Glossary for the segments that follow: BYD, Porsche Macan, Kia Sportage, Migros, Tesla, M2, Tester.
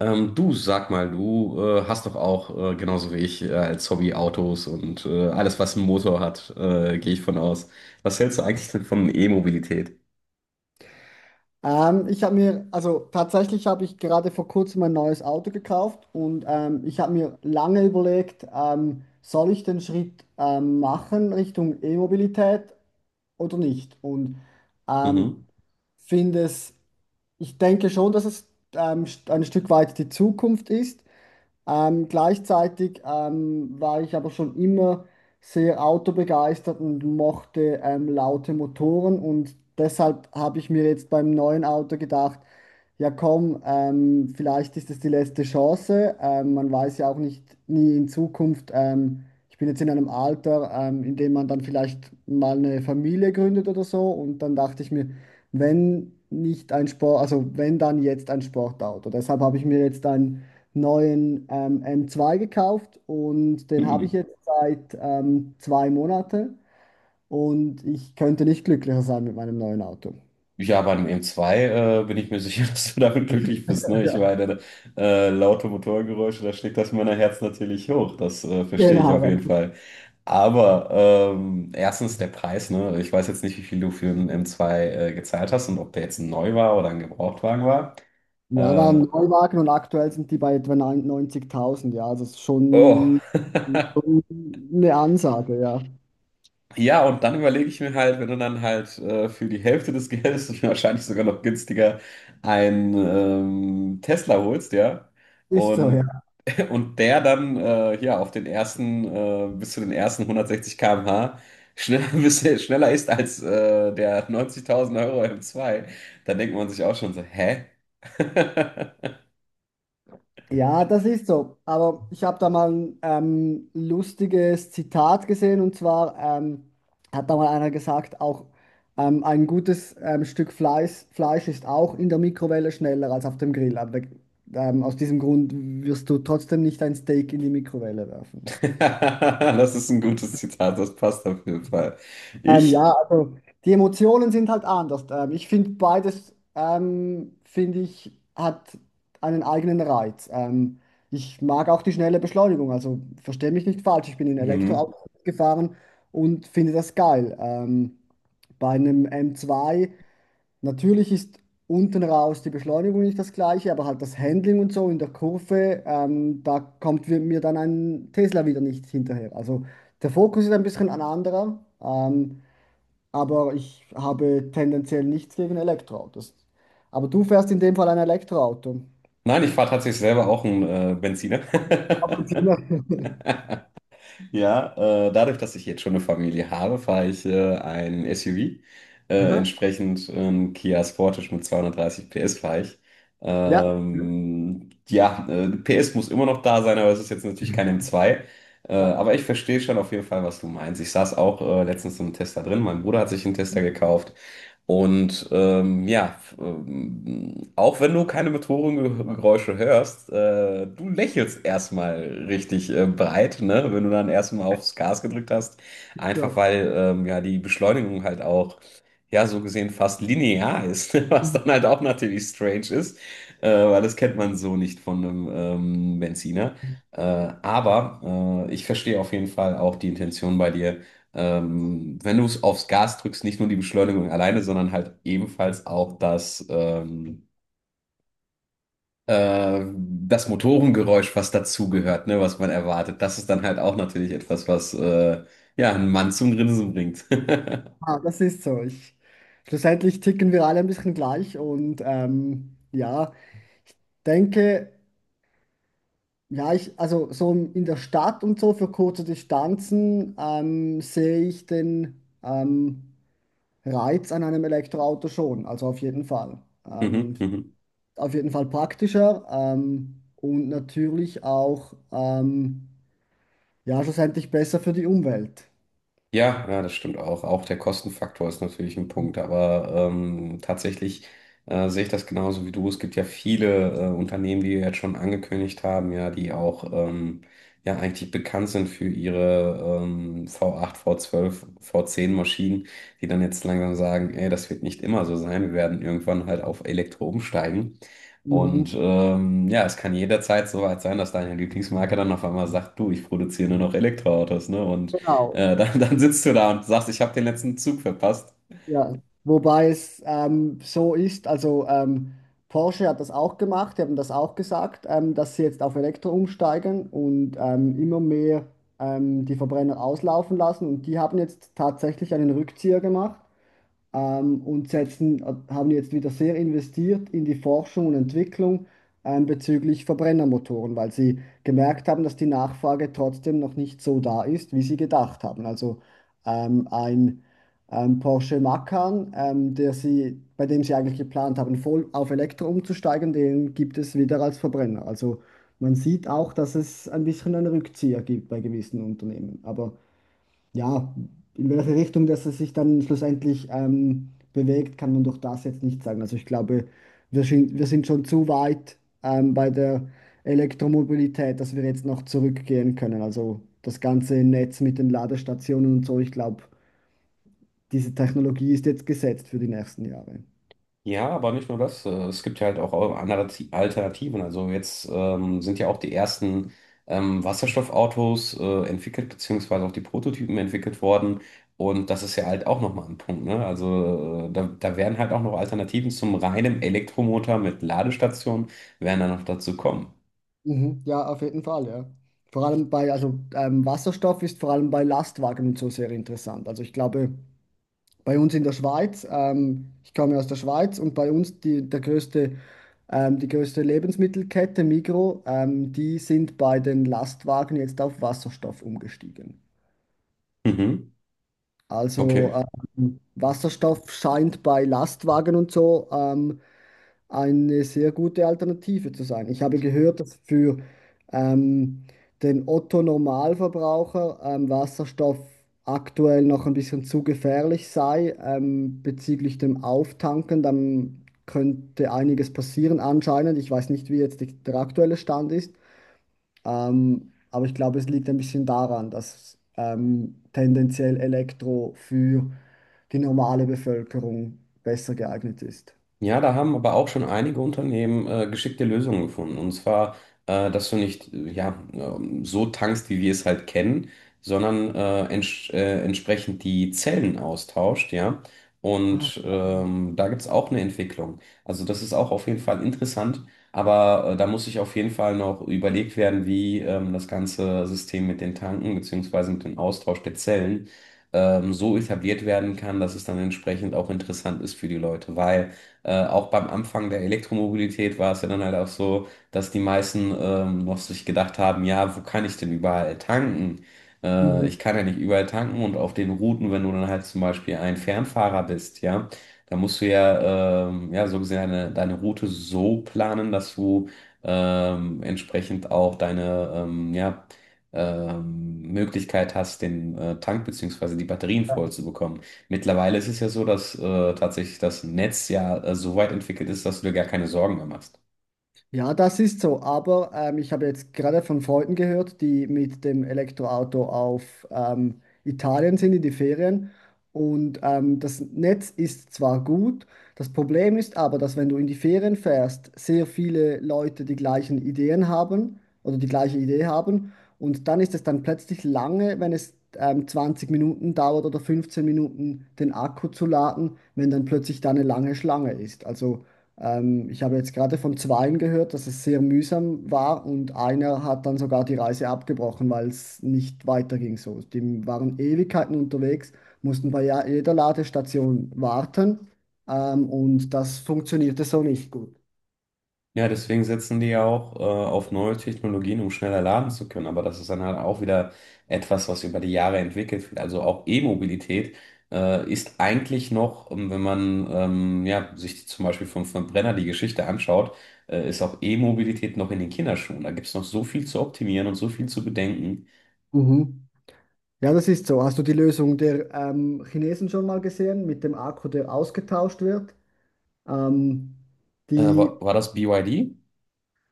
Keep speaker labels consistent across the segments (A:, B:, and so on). A: Du sag mal, du hast doch auch, genauso wie ich, als Hobby Autos und alles, was einen Motor hat, gehe ich von aus. Was hältst du eigentlich denn von E-Mobilität?
B: Ich habe mir, also tatsächlich habe ich gerade vor kurzem ein neues Auto gekauft, und ich habe mir lange überlegt, soll ich den Schritt machen Richtung E-Mobilität oder nicht? Und ähm,
A: Mhm.
B: finde es, ich denke schon, dass es ein Stück weit die Zukunft ist. Gleichzeitig war ich aber schon immer sehr autobegeistert und mochte laute Motoren, und deshalb habe ich mir jetzt beim neuen Auto gedacht, ja komm, vielleicht ist es die letzte Chance. Man weiß ja auch nicht nie in Zukunft. Ich bin jetzt in einem Alter, in dem man dann vielleicht mal eine Familie gründet oder so, und dann dachte ich mir, wenn nicht ein Sport, also wenn dann jetzt ein Sportauto. Deshalb habe ich mir jetzt ein neuen M2 gekauft, und den habe ich
A: Hm.
B: jetzt seit 2 Monate, und ich könnte nicht glücklicher sein mit meinem neuen Auto.
A: Ja, bei einem M2 bin ich mir sicher, dass du damit glücklich bist. Ne? Ich
B: Ja,
A: meine, laute Motorgeräusche, da schlägt das Männerherz natürlich hoch. Das verstehe ich auf
B: genau.
A: jeden Fall. Aber erstens der Preis. Ne? Ich weiß jetzt nicht, wie viel du für einen M2 gezahlt hast und ob der jetzt neu war oder ein Gebrauchtwagen war.
B: Ja, waren
A: Äh,
B: Neuwagen, und aktuell sind die bei etwa 90.000, ja, also es ist
A: oh.
B: schon schon eine Ansage, ja.
A: Ja, und dann überlege ich mir halt, wenn du dann halt für die Hälfte des Geldes und wahrscheinlich sogar noch günstiger einen Tesla holst, ja.
B: Ist so,
A: Und
B: ja.
A: Und der dann hier auf den ersten, bis zu den ersten 160 km/h schneller, bis er schneller ist als der 90.000 Euro M2, dann denkt man sich auch schon so, hä?
B: Ja, das ist so. Aber ich habe da mal ein lustiges Zitat gesehen, und zwar hat da mal einer gesagt, auch ein gutes Stück Fleisch, ist auch in der Mikrowelle schneller als auf dem Grill. Aber aus diesem Grund wirst du trotzdem nicht ein Steak in die Mikrowelle werfen.
A: Das ist ein gutes Zitat, das passt auf jeden Fall. Ich,
B: Ja, also die Emotionen sind halt anders. Ich finde beides, finde ich, hat einen eigenen Reiz. Ich mag auch die schnelle Beschleunigung, also verstehe mich nicht falsch. Ich bin in
A: mhm.
B: Elektroauto gefahren und finde das geil. Bei einem M2 natürlich ist unten raus die Beschleunigung nicht das gleiche, aber halt das Handling und so in der Kurve, da kommt mir dann ein Tesla wieder nicht hinterher. Also der Fokus ist ein bisschen ein anderer. Aber ich habe tendenziell nichts gegen Elektroautos. Aber du fährst in dem Fall ein Elektroauto.
A: Nein, ich fahre tatsächlich selber auch einen Benziner.
B: Ab und zu mal.
A: Ja, dadurch, dass ich jetzt schon eine Familie habe, fahre ich ein SUV.
B: Aha.
A: Entsprechend Kia Sportage mit 230 PS fahre ich.
B: Ja,
A: Ja, PS muss immer noch da sein, aber es ist jetzt natürlich kein M2.
B: ja,
A: Aber ich verstehe schon auf jeden Fall, was du meinst. Ich saß auch letztens im Tester drin. Mein Bruder hat sich einen Tester gekauft. Und ja, auch wenn du keine Motorengeräusche hörst, du lächelst erstmal richtig breit, ne? Wenn du dann erstmal aufs Gas gedrückt hast.
B: ist
A: Einfach
B: so.
A: weil ja die Beschleunigung halt auch, ja, so gesehen fast linear ist, was dann halt auch natürlich strange ist, weil das kennt man so nicht von einem Benziner. Äh, aber ich verstehe auf jeden Fall auch die Intention bei dir, wenn du es aufs Gas drückst, nicht nur die Beschleunigung alleine, sondern halt ebenfalls auch das Motorengeräusch, was dazugehört, ne, was man erwartet. Das ist dann halt auch natürlich etwas, was ja, einen Mann zum Grinsen bringt.
B: Ah, das ist so. Ich, schlussendlich ticken wir alle ein bisschen gleich, und ja, ich denke, ja, ich, also so in der Stadt und so für kurze Distanzen sehe ich den Reiz an einem Elektroauto schon, also auf jeden Fall.
A: Mhm, mhm.
B: Auf jeden Fall praktischer und natürlich auch ja schlussendlich besser für die Umwelt.
A: Ja, ja, das stimmt auch. Auch der Kostenfaktor ist natürlich ein Punkt, aber tatsächlich sehe ich das genauso wie du. Es gibt ja viele Unternehmen, die jetzt schon angekündigt haben, ja, die auch ja eigentlich bekannt sind für ihre V8, V12, V10 Maschinen, die dann jetzt langsam sagen, ey, das wird nicht immer so sein. Wir werden irgendwann halt auf Elektro umsteigen.
B: Mhm,
A: Und ja, es kann jederzeit so weit sein, dass deine Lieblingsmarke dann auf einmal sagt, du, ich produziere nur noch Elektroautos, ne? Und
B: genau,
A: dann sitzt du da und sagst, ich habe den letzten Zug verpasst.
B: ja. Wobei es so ist, also Porsche hat das auch gemacht, die haben das auch gesagt, dass sie jetzt auf Elektro umsteigen und immer mehr die Verbrenner auslaufen lassen, und die haben jetzt tatsächlich einen Rückzieher gemacht und setzen, haben jetzt wieder sehr investiert in die Forschung und Entwicklung bezüglich Verbrennermotoren, weil sie gemerkt haben, dass die Nachfrage trotzdem noch nicht so da ist, wie sie gedacht haben. Also ein Porsche Macan, der sie, bei dem sie eigentlich geplant haben, voll auf Elektro umzusteigen, den gibt es wieder als Verbrenner. Also man sieht auch, dass es ein bisschen einen Rückzieher gibt bei gewissen Unternehmen. Aber ja, in welche Richtung das es sich dann schlussendlich bewegt, kann man durch das jetzt nicht sagen. Also ich glaube, wir sind schon zu weit bei der Elektromobilität, dass wir jetzt noch zurückgehen können. Also das ganze Netz mit den Ladestationen und so, ich glaube, diese Technologie ist jetzt gesetzt für die nächsten Jahre.
A: Ja, aber nicht nur das. Es gibt ja halt auch andere Alternativen. Also jetzt sind ja auch die ersten Wasserstoffautos entwickelt, beziehungsweise auch die Prototypen entwickelt worden. Und das ist ja halt auch nochmal ein Punkt, ne? Also da werden halt auch noch Alternativen zum reinen Elektromotor mit Ladestation, werden dann noch dazu kommen.
B: Mhm, ja, auf jeden Fall, ja. Vor allem bei, also Wasserstoff ist vor allem bei Lastwagen und so sehr interessant. Also ich glaube, bei uns in der Schweiz, ich komme aus der Schweiz, und bei uns die, der größte, die größte Lebensmittelkette Migros, die sind bei den Lastwagen jetzt auf Wasserstoff umgestiegen.
A: Mhm.
B: Also
A: Okay.
B: Wasserstoff scheint bei Lastwagen und so eine sehr gute Alternative zu sein. Ich habe gehört, dass für ähm, den Otto-Normalverbraucher Wasserstoff aktuell noch ein bisschen zu gefährlich sei bezüglich dem Auftanken. Dann könnte einiges passieren anscheinend. Ich weiß nicht, wie jetzt die, der aktuelle Stand ist, aber ich glaube, es liegt ein bisschen daran, dass tendenziell Elektro für die normale Bevölkerung besser geeignet ist.
A: Ja, da haben aber auch schon einige Unternehmen geschickte Lösungen gefunden. Und zwar, dass du nicht ja, so tankst, wie wir es halt kennen, sondern entsch entsprechend die Zellen austauscht, ja.
B: Ach,
A: Und
B: spannend.
A: da gibt es auch eine Entwicklung. Also das ist auch auf jeden Fall interessant, aber da muss sich auf jeden Fall noch überlegt werden, wie das ganze System mit den Tanken beziehungsweise mit dem Austausch der Zellen so etabliert werden kann, dass es dann entsprechend auch interessant ist für die Leute, weil auch beim Anfang der Elektromobilität war es ja dann halt auch so, dass die meisten noch sich gedacht haben, ja, wo kann ich denn überall tanken? Ich kann ja nicht überall tanken und auf den Routen, wenn du dann halt zum Beispiel ein Fernfahrer bist, ja, da musst du ja, ja, so gesehen deine Route so planen, dass du entsprechend auch deine, Möglichkeit hast, den Tank beziehungsweise die Batterien voll zu bekommen. Mittlerweile ist es ja so, dass tatsächlich das Netz ja so weit entwickelt ist, dass du dir gar keine Sorgen mehr machst.
B: Ja, das ist so, aber ich habe jetzt gerade von Freunden gehört, die mit dem Elektroauto auf Italien sind in die Ferien, und das Netz ist zwar gut, das Problem ist aber, dass wenn du in die Ferien fährst, sehr viele Leute die gleichen Ideen haben oder die gleiche Idee haben, und dann ist es dann plötzlich lange, wenn es 20 Minuten dauert oder 15 Minuten den Akku zu laden, wenn dann plötzlich da eine lange Schlange ist. Also ich habe jetzt gerade von zweien gehört, dass es sehr mühsam war, und einer hat dann sogar die Reise abgebrochen, weil es nicht weiterging so. Die waren Ewigkeiten unterwegs, mussten bei jeder Ladestation warten, und das funktionierte so nicht gut.
A: Ja, deswegen setzen die ja auch auf neue Technologien, um schneller laden zu können. Aber das ist dann halt auch wieder etwas, was über die Jahre entwickelt wird. Also auch E-Mobilität ist eigentlich noch, wenn man ja, sich zum Beispiel vom Verbrenner die Geschichte anschaut, ist auch E-Mobilität noch in den Kinderschuhen. Da gibt es noch so viel zu optimieren und so viel zu bedenken.
B: Mhm. Ja, das ist so. Hast du die Lösung der Chinesen schon mal gesehen mit dem Akku, der ausgetauscht wird? Ähm,
A: War,
B: die
A: war das BYD?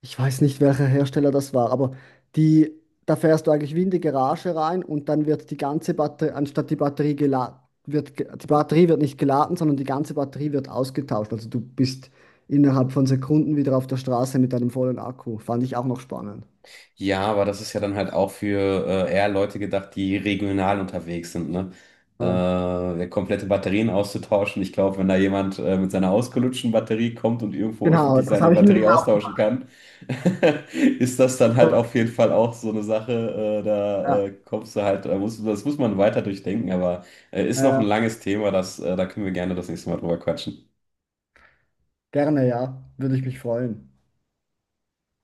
B: Ich weiß nicht, welcher Hersteller das war, aber die, da fährst du eigentlich wie in die Garage rein, und dann wird die ganze Batterie, anstatt die Batterie geladen, die Batterie wird nicht geladen, sondern die ganze Batterie wird ausgetauscht. Also du bist innerhalb von Sekunden wieder auf der Straße mit einem vollen Akku. Fand ich auch noch spannend.
A: Ja, aber das ist ja dann halt auch für eher Leute gedacht, die regional unterwegs sind, ne?
B: Ja.
A: Ja, komplette Batterien auszutauschen. Ich glaube, wenn da jemand mit seiner ausgelutschten Batterie kommt und irgendwo
B: Genau,
A: öffentlich
B: das
A: seine
B: habe ich mir
A: Batterie
B: dann auch,
A: austauschen kann, ist das dann halt
B: so,
A: auf jeden Fall auch so eine Sache. Da
B: ja,
A: kommst du halt, das muss man weiter durchdenken, aber ist noch ein
B: äh,
A: langes Thema, das, da können wir gerne das nächste Mal drüber quatschen.
B: gerne, ja, würde ich mich freuen.